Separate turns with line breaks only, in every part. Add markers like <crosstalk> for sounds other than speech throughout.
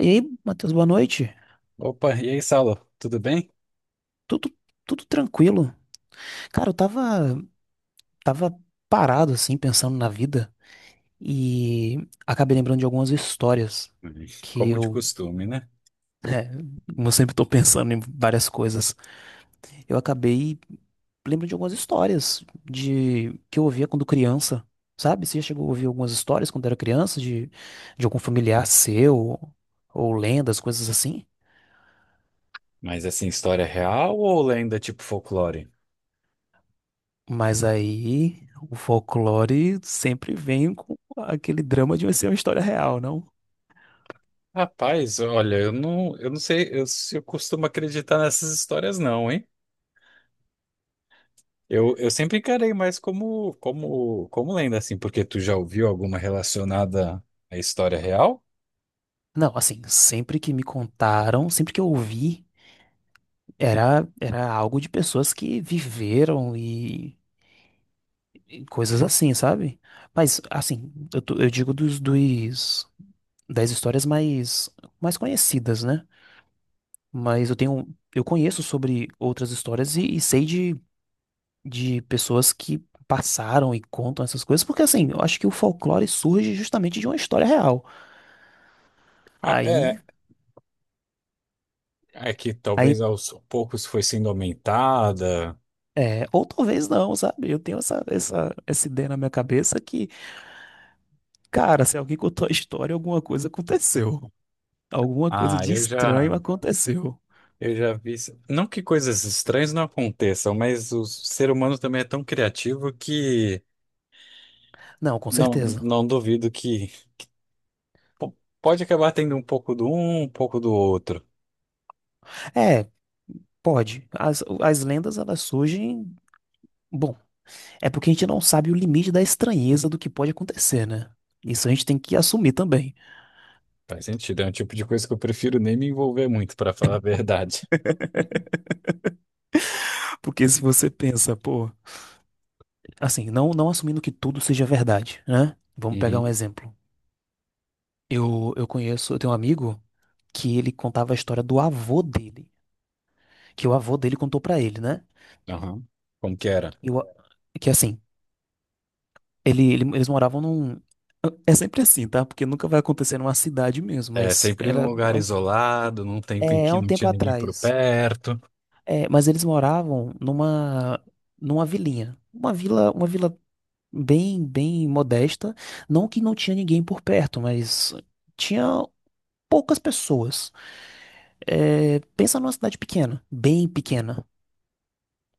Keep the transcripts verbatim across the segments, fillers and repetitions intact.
E aí, Matheus, boa noite.
Opa, e aí, Saulo? Tudo bem?
Tudo, tudo tranquilo. Cara, eu tava, tava parado, assim, pensando na vida e acabei lembrando de algumas histórias
Uhum.
que
Como de
eu,
costume, né?
<laughs> é, como eu sempre tô pensando em várias coisas, eu acabei lembrando de algumas histórias de que eu ouvia quando criança, sabe? Você já chegou a ouvir algumas histórias quando era criança de, de algum familiar seu ou lendas, coisas assim?
Mas assim, história real ou lenda tipo folclore?
Mas aí o folclore sempre vem com aquele drama de ser uma história real, não?
Rapaz, olha, eu não, eu não sei eu, se eu costumo acreditar nessas histórias, não, hein? Eu, eu sempre encarei mais como, como, como lenda, assim, porque tu já ouviu alguma relacionada à história real?
Não, assim, sempre que me contaram, sempre que eu ouvi, era, era algo de pessoas que viveram e, e coisas assim, sabe? Mas, assim, eu, tô- eu digo dos, dos, das histórias mais, mais conhecidas, né? Mas eu tenho, eu conheço sobre outras histórias e, e sei de de pessoas que passaram e contam essas coisas, porque assim, eu acho que o folclore surge justamente de uma história real.
Ah,
Aí,
é, é que
aí
talvez aos poucos foi sendo aumentada.
é, ou talvez não, sabe? Eu tenho essa, essa, essa ideia na minha cabeça que, cara, se alguém contou a história, alguma coisa aconteceu. Alguma coisa
Ah,
de
eu já.
estranho aconteceu.
Eu já vi isso. Não que coisas estranhas não aconteçam, mas o ser humano também é tão criativo que
Não, com
não,
certeza.
não duvido que po- pode acabar tendo um pouco do um, um pouco do outro.
É, pode. As, as lendas, elas surgem. Bom, é porque a gente não sabe o limite da estranheza do que pode acontecer, né? Isso a gente tem que assumir também.
Faz sentido, é um tipo de coisa que eu prefiro nem me envolver muito, para falar a
<laughs>
verdade.
Porque se você pensa, pô, assim, não, não assumindo que tudo seja verdade, né? Vamos pegar um
Uhum.
exemplo. Eu, eu conheço, eu tenho um amigo que ele contava a história do avô dele, que o avô dele contou pra ele, né?
Aham. Como que era?
E o- que assim, ele, ele- eles moravam num. É sempre assim, tá? Porque nunca vai acontecer numa cidade mesmo,
É
mas
sempre num
era.
lugar isolado, num tempo em
É, é
que
um
não
tempo
tinha ninguém por
atrás.
perto.
É, mas eles moravam numa, numa vilinha. Uma vila, uma vila bem, bem modesta. Não que não tinha ninguém por perto, mas tinha poucas pessoas. É, pensa numa cidade pequena, bem pequena,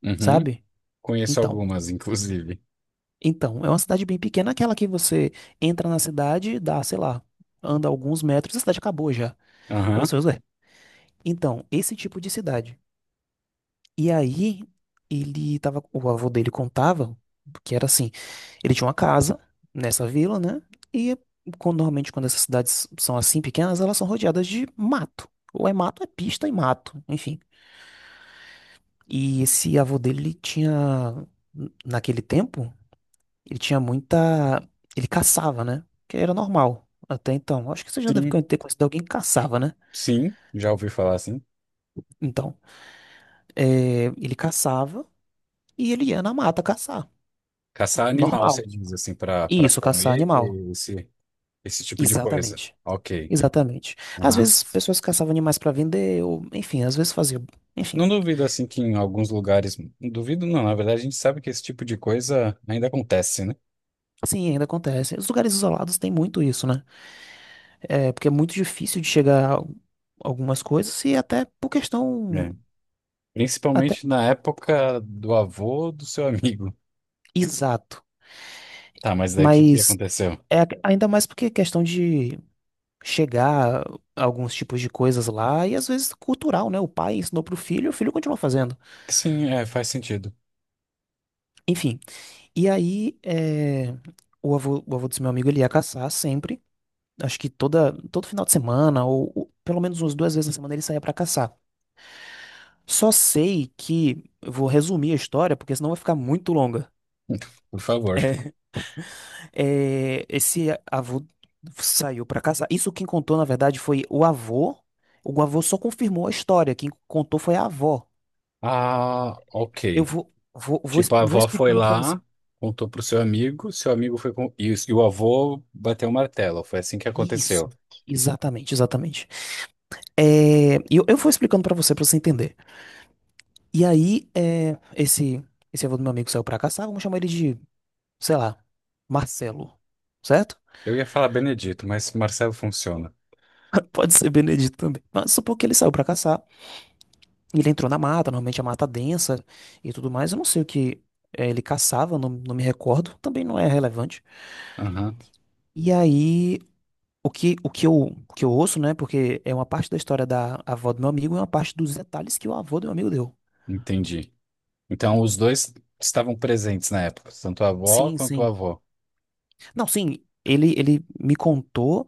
Uhum.
sabe?
Conheço
Então,
algumas, inclusive.
então, é uma cidade bem pequena, aquela que você entra na cidade, dá, sei lá, anda alguns metros, a cidade acabou já. Aí
Aham.
você, ué, então, esse tipo de cidade. E aí, ele tava, o avô dele contava que era assim, ele tinha uma casa nessa vila, né? E quando- normalmente quando essas cidades são assim pequenas, elas são rodeadas de mato. Ou é mato, é pista e mato, enfim. E esse avô dele, ele tinha, naquele tempo, ele tinha muita. Ele caçava, né? Que era normal até então. Acho que você já deve con-
Sim,
ter conhecido alguém que caçava, né?
sim, já ouvi falar assim.
Então, é, ele caçava e ele ia na mata caçar.
Caçar animal, você
Normal.
diz, assim, para para
Isso, caçar
comer
animal.
esse, esse tipo de coisa.
Exatamente.
Ok.
Exatamente. Às
Aham.
vezes, pessoas caçavam animais para vender, ou enfim, às vezes faziam. Enfim,
Não duvido, assim, que em alguns lugares. Não duvido, não. Na verdade, a gente sabe que esse tipo de coisa ainda acontece, né?
sim, ainda acontece. Os lugares isolados têm muito isso, né? É, porque é muito difícil de chegar a algumas coisas e até por questão
É.
até
Principalmente na época do avô do seu amigo.
exato,
Tá, mas daí o que que
mas
aconteceu?
é a- ainda mais porque é questão de chegar a alguns tipos de coisas lá e às vezes cultural, né? O pai ensinou pro filho, o filho continua fazendo.
Sim, é, faz sentido.
Enfim, e aí é, o avô, o avô desse meu amigo ele ia caçar sempre, acho que toda todo final de semana ou, ou pelo menos umas duas vezes na semana ele saía pra caçar. Só sei que eu vou resumir a história porque senão vai ficar muito longa.
Por favor.
É, esse avô saiu para casar. Isso quem contou, na verdade, foi o avô. O avô só confirmou a história. Quem contou foi a avó.
Ah, ok.
Eu vou, vou, vou, es-
Tipo, a
vou
avó foi
explicando para você.
lá, contou pro seu amigo, seu amigo foi com. E, o- e o avô bateu o martelo. Foi assim que aconteceu.
Isso. Exatamente, exatamente. É, e eu, eu vou explicando para você, para você entender. E aí, é, esse, esse avô do meu amigo saiu para caçar. Vamos chamar ele de, sei lá, Marcelo. Certo?
Eu ia falar Benedito, mas Marcelo funciona.
<laughs> Pode ser Benedito também. Mas supor que ele saiu para caçar. E ele entrou na mata, normalmente a mata densa e tudo mais. Eu não sei o que eh, ele caçava, não, não me recordo, também não é relevante.
Aham,
E aí, o que, o que eu, o que eu ouço, né? Porque é uma parte da história da avó do meu amigo e uma parte dos detalhes que o avô do meu amigo deu.
entendi. Então, os dois estavam presentes na época, tanto a avó
Sim,
quanto o
sim.
avô.
Não, sim, ele, ele me contou.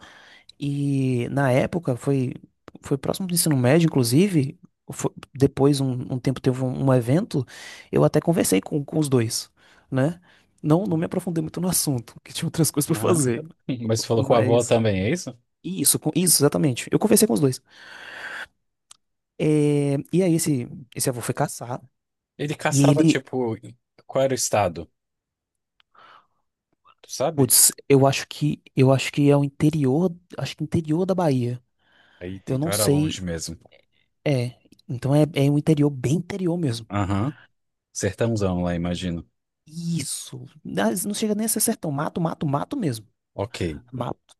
E na época foi, foi próximo do ensino médio, inclusive. fo- depois, um, um tempo, teve um, um evento. Eu até conversei com, com os dois, né? Não, não me aprofundei muito no assunto, que tinha outras <laughs> coisas pra
Aham.
fazer.
<laughs> Mas você falou com o avô
Mas.
também, é isso?
Isso, com- isso, exatamente. Eu conversei com os dois. É, e aí, esse, esse avô foi caçar.
Ele
E
caçava,
ele.
tipo, qual era o estado? Tu sabe?
Putz, eu acho que. Eu acho que é o interior. Acho que interior da Bahia.
Aí,
Eu
então
não
era longe
sei.
mesmo.
É. Então é, é um interior bem interior mesmo.
Aham. Sertãozão lá, imagino.
Isso. Não não chega nem a ser sertão. Mato, mato, mato mesmo.
Ok.
Mato.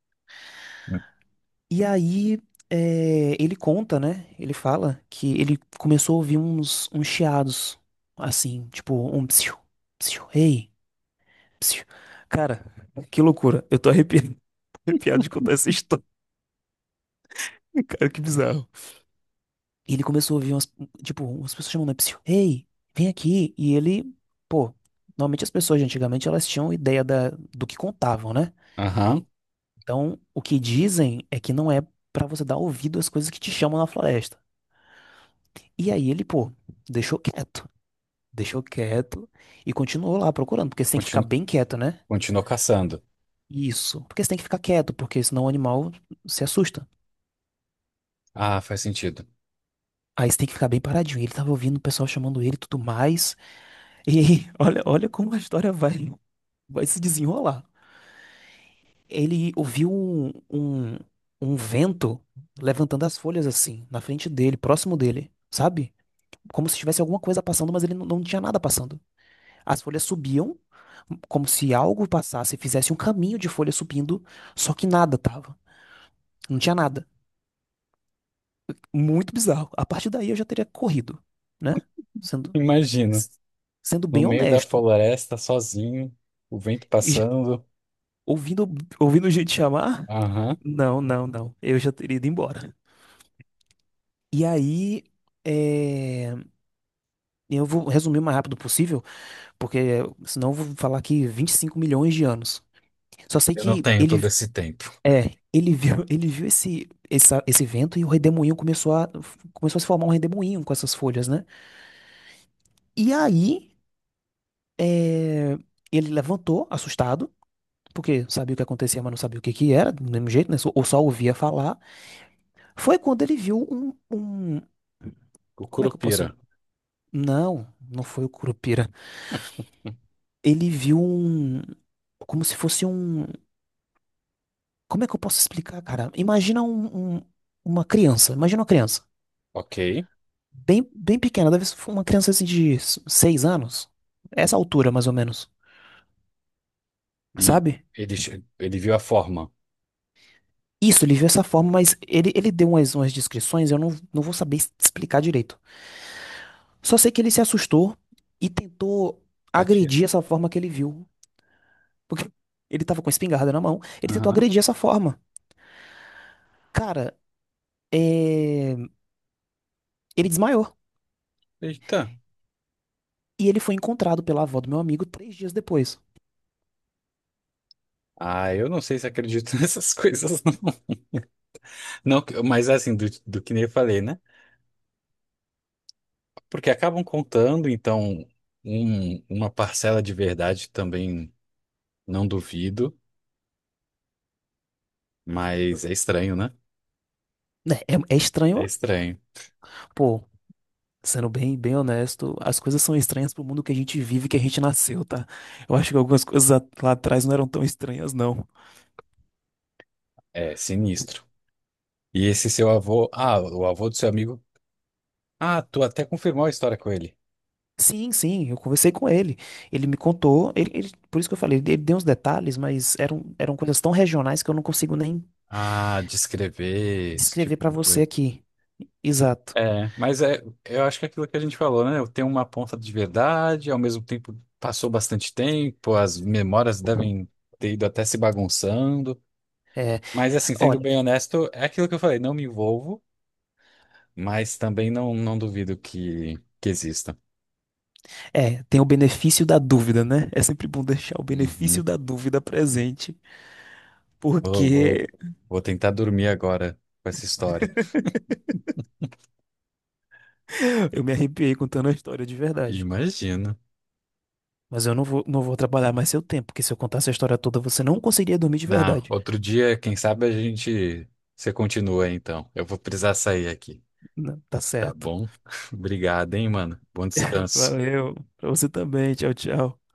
E aí, é, ele conta, né? Ele fala que ele começou a ouvir uns, uns chiados, assim, tipo, um psiu, psiu, ei, psiu. Cara, que loucura. Eu tô arrepiado, <laughs> arrepiado de contar essa história. <laughs> Cara, que bizarro. E ele começou a ouvir umas, tipo, umas pessoas chamando, né, psiu, ei, vem aqui. E ele, pô, normalmente as pessoas de antigamente, elas tinham ideia da, do que contavam, né?
Aham.
Então, o que dizem é que não é pra você dar ouvido às coisas que te chamam na floresta. E aí ele, pô, deixou quieto. Deixou quieto e continuou lá procurando, porque você tem que ficar
Continu-
bem quieto, né?
Continuou caçando.
Isso. Porque você tem que ficar quieto, porque senão o animal se assusta.
Ah, faz sentido.
Aí você tem que ficar bem paradinho. Ele tava ouvindo o pessoal chamando ele e tudo mais. E <laughs> olha, olha como a história vai, vai se desenrolar. Ele ouviu um, um, um vento levantando as folhas assim, na frente dele, próximo dele, sabe? Como se tivesse alguma coisa passando, mas ele não, não tinha nada passando. As folhas subiam, como se algo passasse, fizesse um caminho de folha subindo, só que nada tava. Não tinha nada. Muito bizarro. A partir daí eu já teria corrido, né?
<laughs>
Sendo,
Imagino,
s- sendo
no
bem
meio da
honesto.
floresta, sozinho, o vento
E já-
passando.
Ouvindo, ouvindo gente chamar?
Aham.
Não, não, não. Eu já teria ido embora. E aí, é, eu vou resumir o mais rápido possível, porque senão eu vou falar aqui vinte e cinco milhões de anos. Só sei
Eu não
que
tenho
ele
todo esse tempo.
É, ele viu, <laughs> ele viu esse, essa- esse vento e o redemoinho começou a, começou a se formar um redemoinho com essas folhas, né? E aí, é, ele levantou, assustado, porque sabia o que acontecia, mas não sabia o que que era, do mesmo jeito, né? Só- Ou só ouvia falar. Foi quando ele viu um, um-
O
como é que eu
Curupira.
posso? Não, não foi o Curupira.
Hum.
Ele viu um, como se fosse um, como é que eu posso explicar, cara? Imagina um, um- uma criança, imagina uma criança.
Ok.
Bem, bem pequena, deve ser uma criança assim de s- seis anos. Essa altura, mais ou menos,
E
sabe?
ele, che- ele viu a forma.
Isso, ele viu essa forma, mas ele, ele deu umas, umas descrições, eu não, não vou saber es- explicar direito. Só sei que ele se assustou e tentou
Atira.
agredir essa forma que ele viu. Porque <laughs> ele tava com a espingarda na mão, ele tentou
Aham.
agredir essa forma. Cara, é... ele desmaiou.
Eita.
E ele foi encontrado pela avó do meu amigo três dias depois.
Ah, eu não sei se acredito <laughs> nessas coisas, não. Não, que- mas assim, do, do que nem eu falei, né? Porque acabam contando, então, um- uma parcela de verdade também não duvido, mas é estranho, né?
Né? É, é
É
estranho,
estranho.
pô. Sendo bem, bem honesto, as coisas são estranhas pro mundo que a gente vive, que a gente nasceu, tá? Eu acho que algumas coisas a- lá atrás não eram tão estranhas, não.
É sinistro. E esse seu avô, ah, o avô do seu amigo, ah, tu até confirmou a história com ele.
Sim, sim, eu conversei com ele. Ele me contou, ele, ele- por isso que eu falei, ele deu uns detalhes, mas eram, eram coisas tão regionais que eu não consigo nem
Ah, descrever esse
descrever
tipo
pra
de
você
coisa.
aqui. Exato.
É, mas é, eu acho que é aquilo que a gente falou, né? Eu tenho uma ponta de verdade, ao mesmo tempo passou bastante tempo, as memórias devem ter ido até se bagunçando.
É,
Mas assim, sendo
olha,
bem honesto, é aquilo que eu falei, não me envolvo, mas também não, não duvido que, que exista.
é, tem o benefício da dúvida, né? É sempre bom deixar o benefício
Uhum.
da dúvida presente,
Vou,
porque
vou, vou tentar dormir agora com essa história.
eu me arrepiei contando a história de verdade.
Imagino.
Mas eu não vou, não vou atrapalhar mais seu tempo, porque se eu contar essa história toda, você não conseguiria dormir de
Na,
verdade.
outro dia, quem sabe a gente, você continua então. Eu vou precisar sair aqui.
Não, tá
Tá
certo.
bom? <laughs> Obrigado, hein, mano. Bom descanso.
Valeu. Pra você também. Tchau, tchau.